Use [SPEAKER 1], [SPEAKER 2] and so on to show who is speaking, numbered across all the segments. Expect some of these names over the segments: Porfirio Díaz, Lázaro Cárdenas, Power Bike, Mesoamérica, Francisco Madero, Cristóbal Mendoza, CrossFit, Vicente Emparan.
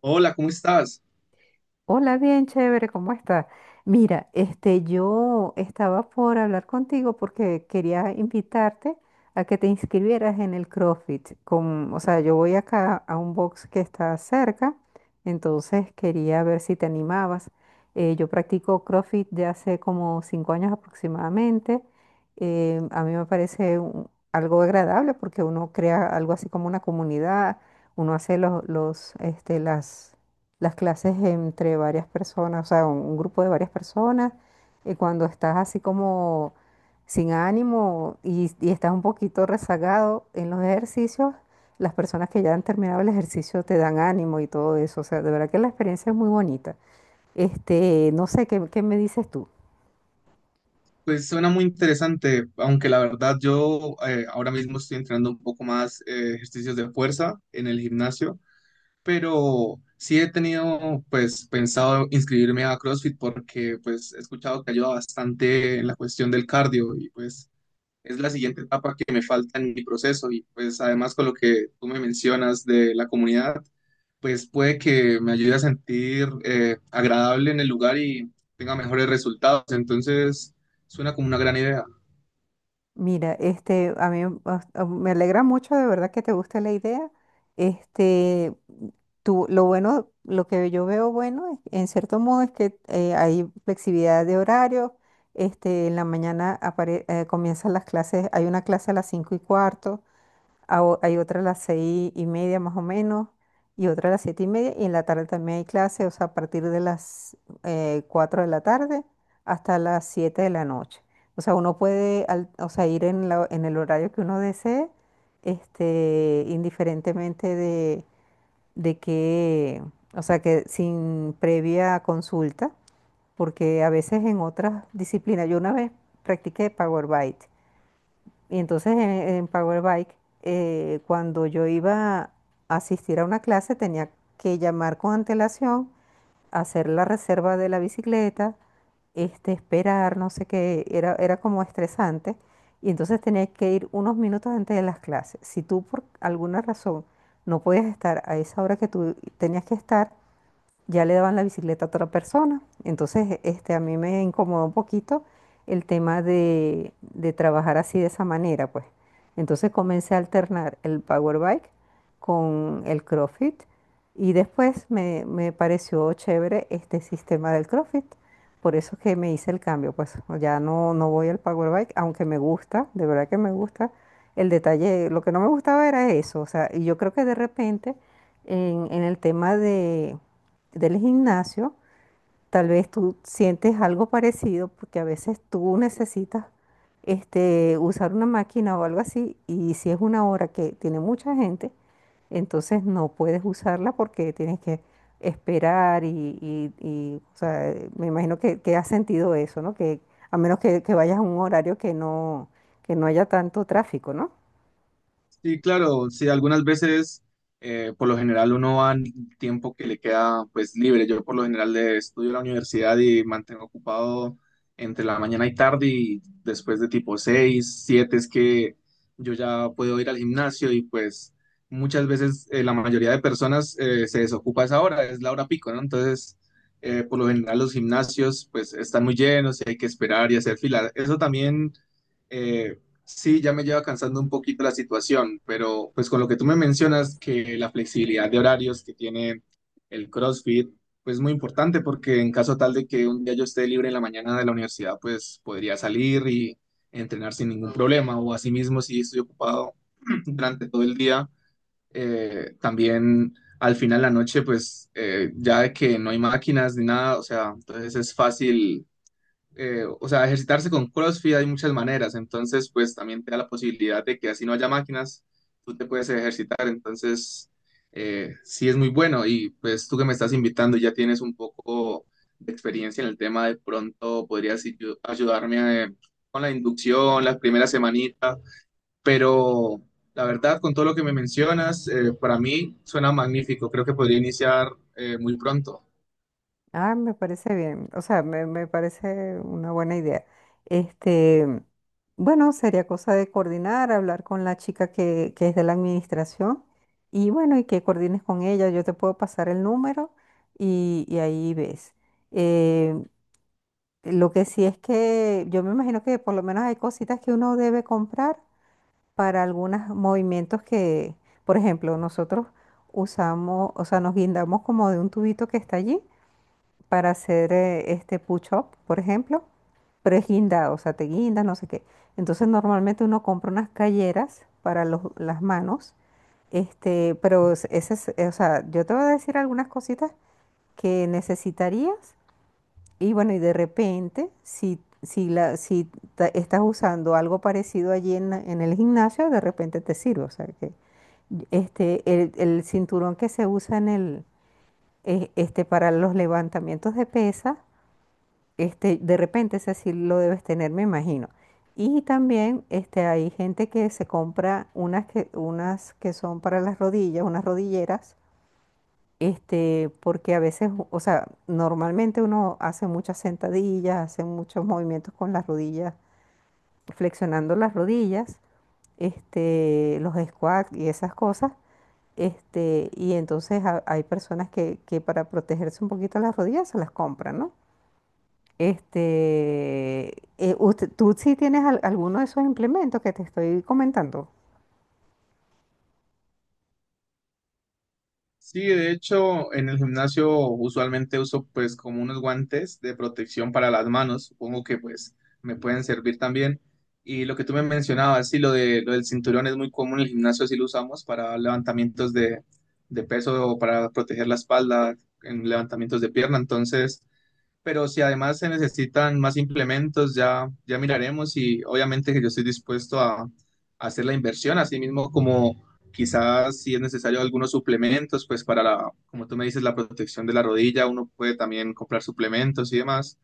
[SPEAKER 1] Hola, ¿cómo estás?
[SPEAKER 2] Hola, bien chévere, ¿cómo estás? Mira, este, yo estaba por hablar contigo porque quería invitarte a que te inscribieras en el CrossFit. Con, o sea, yo voy acá a un box que está cerca, entonces quería ver si te animabas. Yo practico CrossFit de hace como 5 años aproximadamente. A mí me parece algo agradable porque uno crea algo así como una comunidad, uno hace las clases entre varias personas, o sea, un grupo de varias personas, y cuando estás así como sin ánimo y estás un poquito rezagado en los ejercicios, las personas que ya han terminado el ejercicio te dan ánimo y todo eso, o sea, de verdad que la experiencia es muy bonita. Este, no sé, qué me dices tú?
[SPEAKER 1] Pues suena muy interesante, aunque la verdad yo ahora mismo estoy entrenando un poco más ejercicios de fuerza en el gimnasio, pero sí he tenido pues pensado inscribirme a CrossFit porque pues he escuchado que ayuda bastante en la cuestión del cardio y pues es la siguiente etapa que me falta en mi proceso y pues además con lo que tú me mencionas de la comunidad, pues puede que me ayude a sentir agradable en el lugar y tenga mejores resultados. Entonces, suena como una gran idea.
[SPEAKER 2] Mira, este, a mí bas- a- me alegra mucho de verdad que te guste la idea. Este, tú, lo bueno, lo que yo veo bueno, en cierto modo, es que hay flexibilidad de horario. Este, en la mañana comienzan las clases, hay una clase a las 5:15, hay otra a las 6:30 más o menos, y otra a las 7:30, y en la tarde también hay clase, o sea, a partir de las 4 de la tarde hasta las 7 de la noche. O sea, uno puede o sea, ir en el horario que uno desee, este, indiferentemente de que, o sea, que sin previa consulta, porque a veces en otras disciplinas, yo una vez practiqué Power Bite. Y entonces en Power Bike, cuando yo iba a asistir a una clase, tenía que llamar con antelación, hacer la reserva de la bicicleta, este, esperar, no sé qué, era como estresante. Y entonces tenía que ir unos minutos antes de las clases. Si tú por alguna razón no podías estar a esa hora que tú tenías que estar, ya le daban la bicicleta a otra persona. Entonces, este, a mí me incomodó un poquito el tema de trabajar así de esa manera, pues. Entonces comencé a alternar el power bike con el CrossFit y después me pareció chévere este sistema del CrossFit. Por eso es que me hice el cambio, pues ya no voy al power bike, aunque me gusta, de verdad que me gusta. El detalle, lo que no me gustaba era eso, o sea, y yo creo que de repente en el tema del gimnasio, tal vez tú sientes algo parecido porque a veces tú necesitas este, usar una máquina o algo así y si es una hora que tiene mucha gente, entonces no puedes usarla porque tienes que esperar y, o sea, me imagino que has sentido eso, ¿no? Que a menos que vayas a un horario que que no haya tanto tráfico, ¿no?
[SPEAKER 1] Sí, claro, sí, algunas veces, por lo general, uno va en el tiempo que le queda pues libre. Yo por lo general estudio en la universidad y mantengo ocupado entre la mañana y tarde y después de tipo 6, 7 es que yo ya puedo ir al gimnasio y pues muchas veces la mayoría de personas se desocupa a esa hora, es la hora pico, ¿no? Entonces, por lo general los gimnasios pues están muy llenos y hay que esperar y hacer fila. Eso también. eh, Sí, ya me lleva cansando un poquito la situación, pero pues con lo que tú me mencionas, que la flexibilidad de horarios que tiene el CrossFit, pues es muy importante porque en caso tal de que un día yo esté libre en la mañana de la universidad, pues podría salir y entrenar sin ningún problema, o asimismo si estoy ocupado durante todo el día, también al final de la noche, pues ya que no hay máquinas ni nada, o sea, entonces es fácil o sea, ejercitarse con CrossFit hay muchas maneras, entonces pues también te da la posibilidad de que así no haya máquinas, tú te puedes ejercitar, entonces sí es muy bueno y pues tú que me estás invitando ya tienes un poco de experiencia en el tema, de pronto podrías ayudarme con la inducción, las primeras semanitas, pero la verdad con todo lo que me mencionas, para mí suena magnífico, creo que podría iniciar muy pronto.
[SPEAKER 2] Ah, me parece bien. O sea, me parece una buena idea. Este, bueno, sería cosa de coordinar, hablar con la chica que es de la administración y bueno, y que coordines con ella. Yo te puedo pasar el número y ahí ves. Eh, lo que sí es que yo me imagino que por lo menos hay cositas que uno debe comprar para algunos movimientos que, por ejemplo, nosotros usamos, o sea, nos guindamos como de un tubito que está allí para hacer este push-up, por ejemplo, pero es guindado, o sea, te guindas, no sé qué. Entonces normalmente uno compra unas calleras para las manos, este, pero ese es, o sea, yo te voy a decir algunas cositas que necesitarías y bueno, y de repente, si estás usando algo parecido allí en el gimnasio, de repente te sirve, o sea, que este, el cinturón que se usa en el, este, para los levantamientos de pesas este, de repente ese sí lo debes tener, me imagino. Y también este, hay gente que se compra unas que son para las rodillas, unas rodilleras, este, porque a veces, o sea, normalmente uno hace muchas sentadillas, hace muchos movimientos con las rodillas, flexionando las rodillas, este, los squats y esas cosas. Este, y entonces hay personas que para protegerse un poquito las rodillas se las compran, ¿no? Este, tú sí tienes alguno de esos implementos que te estoy comentando.
[SPEAKER 1] Sí, de hecho, en el gimnasio usualmente uso pues como unos guantes de protección para las manos, supongo que pues me pueden servir también. Y lo que tú me mencionabas, sí, lo del cinturón es muy común en el gimnasio, sí lo usamos para levantamientos de peso o para proteger la espalda en levantamientos de pierna. Entonces, pero si además se necesitan más implementos, ya miraremos y obviamente que yo estoy dispuesto a hacer la inversión, así mismo como quizás si es necesario algunos suplementos, pues para la, como tú me dices, la protección de la rodilla, uno puede también comprar suplementos y demás,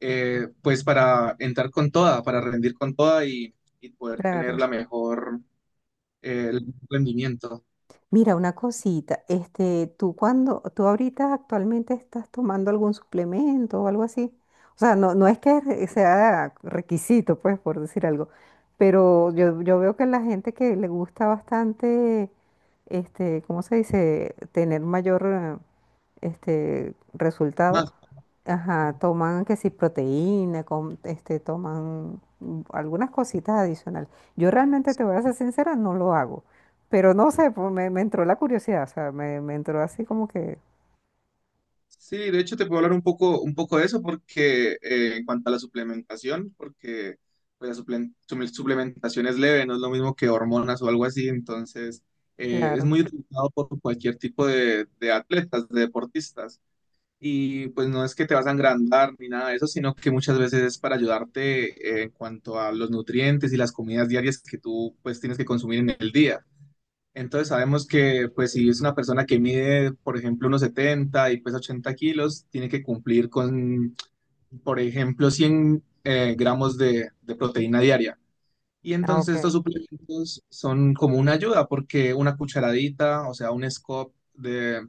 [SPEAKER 1] pues para entrar con toda, para rendir con toda y poder tener
[SPEAKER 2] Claro.
[SPEAKER 1] el mejor rendimiento.
[SPEAKER 2] Mira, una cosita, este, tú ahorita actualmente estás tomando algún suplemento o algo así. O sea, no es que sea requisito, pues, por decir algo, pero yo veo que la gente que le gusta bastante, este, ¿cómo se dice? Tener mayor, este, resultado.
[SPEAKER 1] Más.
[SPEAKER 2] Ajá, toman que si proteína, este, toman algunas cositas adicionales. Yo realmente te voy a ser sincera, no lo hago. Pero no sé, pues me entró la curiosidad, o sea, me entró así como que,
[SPEAKER 1] Sí, de hecho te puedo hablar un poco de eso porque en cuanto a la suplementación, porque pues, la suplementación es leve, no es lo mismo que hormonas o algo así, entonces es
[SPEAKER 2] claro.
[SPEAKER 1] muy utilizado por cualquier tipo de atletas, de deportistas, y pues no es que te vas a engrandar ni nada de eso, sino que muchas veces es para ayudarte en cuanto a los nutrientes y las comidas diarias que tú pues tienes que consumir en el día. Entonces sabemos que pues si es una persona que mide, por ejemplo, unos 70 y pesa 80 kilos, tiene que cumplir con, por ejemplo, 100 gramos de proteína diaria. Y
[SPEAKER 2] Ah, ok.
[SPEAKER 1] entonces estos suplementos son como una ayuda porque una cucharadita, o sea, un scoop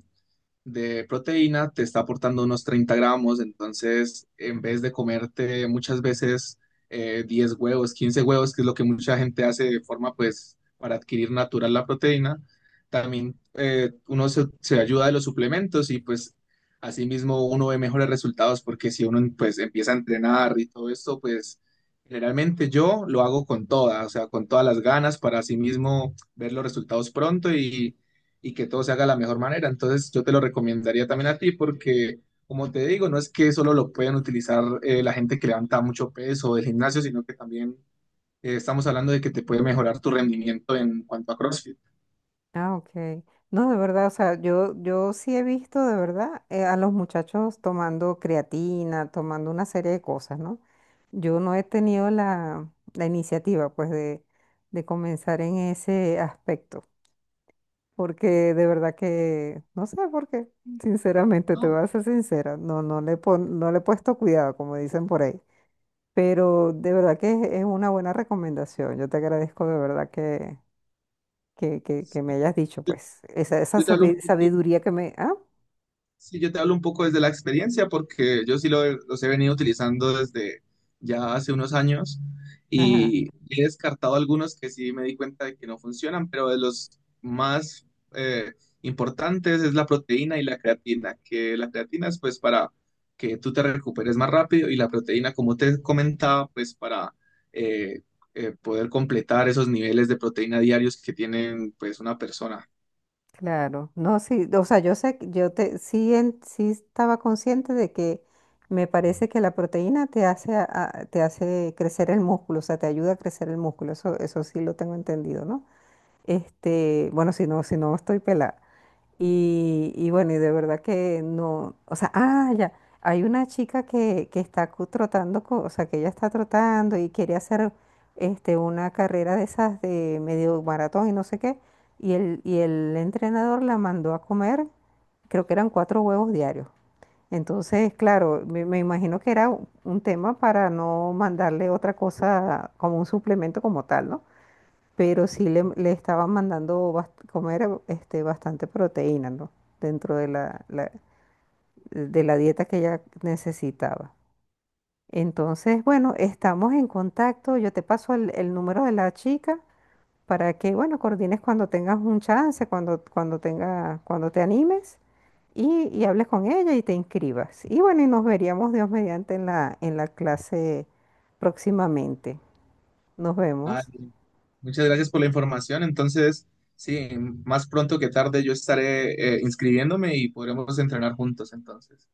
[SPEAKER 1] de proteína te está aportando unos 30 gramos, entonces en vez de comerte muchas veces 10 huevos, 15 huevos, que es lo que mucha gente hace de forma pues para adquirir natural la proteína, también uno se ayuda de los suplementos y pues asimismo uno ve mejores resultados porque si uno pues empieza a entrenar y todo esto pues... Generalmente yo lo hago con todas, o sea, con todas las ganas para asimismo ver los resultados pronto y que todo se haga de la mejor manera. Entonces, yo te lo recomendaría también a ti porque, como te digo, no es que solo lo puedan utilizar la gente que levanta mucho peso del gimnasio, sino que también estamos hablando de que te puede mejorar tu rendimiento en cuanto a CrossFit,
[SPEAKER 2] Ah, ok. No, de verdad, o sea, yo sí he visto de verdad a los muchachos tomando creatina, tomando una serie de cosas, ¿no? Yo no he tenido la iniciativa, pues, de comenzar en ese aspecto, porque de verdad que no sé por qué. Sinceramente, te voy
[SPEAKER 1] ¿no?
[SPEAKER 2] a ser sincera, no le he puesto cuidado, como dicen por ahí. Pero de verdad que es una buena recomendación. Yo te agradezco de verdad que me hayas dicho, pues, esa
[SPEAKER 1] Yo te hablo un poquito
[SPEAKER 2] sabiduría que me... Ah,
[SPEAKER 1] Sí, yo te hablo un poco desde la experiencia porque yo sí los he venido utilizando desde ya hace unos años
[SPEAKER 2] ajá,
[SPEAKER 1] y he descartado algunos que sí me di cuenta de que no funcionan, pero de los más eh, importantes es la proteína y la creatina, que la creatina es pues para que tú te recuperes más rápido y la proteína, como te comentaba, pues para eh, poder completar esos niveles de proteína diarios que tienen pues una persona.
[SPEAKER 2] claro. No, sí, o sea, yo sé, yo te, sí, sí estaba consciente de que me parece que la proteína te hace, te hace crecer el músculo, o sea, te ayuda a crecer el músculo. Eso sí lo tengo entendido, ¿no? Este, bueno, si no, si no estoy pelada. Y bueno, y de verdad que no, o sea, ah, ya, hay una chica que está trotando, o sea, que ella está trotando y quiere hacer este, una carrera de esas de medio maratón y no sé qué, y el entrenador la mandó a comer, creo que eran 4 huevos diarios. Entonces, claro, me imagino que era un tema para no mandarle otra cosa como un suplemento como tal, ¿no? Pero sí le estaban mandando comer este, bastante proteína, ¿no? Dentro de de la dieta que ella necesitaba. Entonces, bueno, estamos en contacto. Yo te paso el número de la chica para que, bueno, coordines cuando tengas un chance, cuando, cuando te animes y hables con ella y te inscribas. Y bueno, y nos veríamos, Dios mediante, en en la clase próximamente. Nos vemos.
[SPEAKER 1] Muchas gracias por la información. Entonces, sí, más pronto que tarde yo estaré inscribiéndome y podremos entrenar juntos entonces.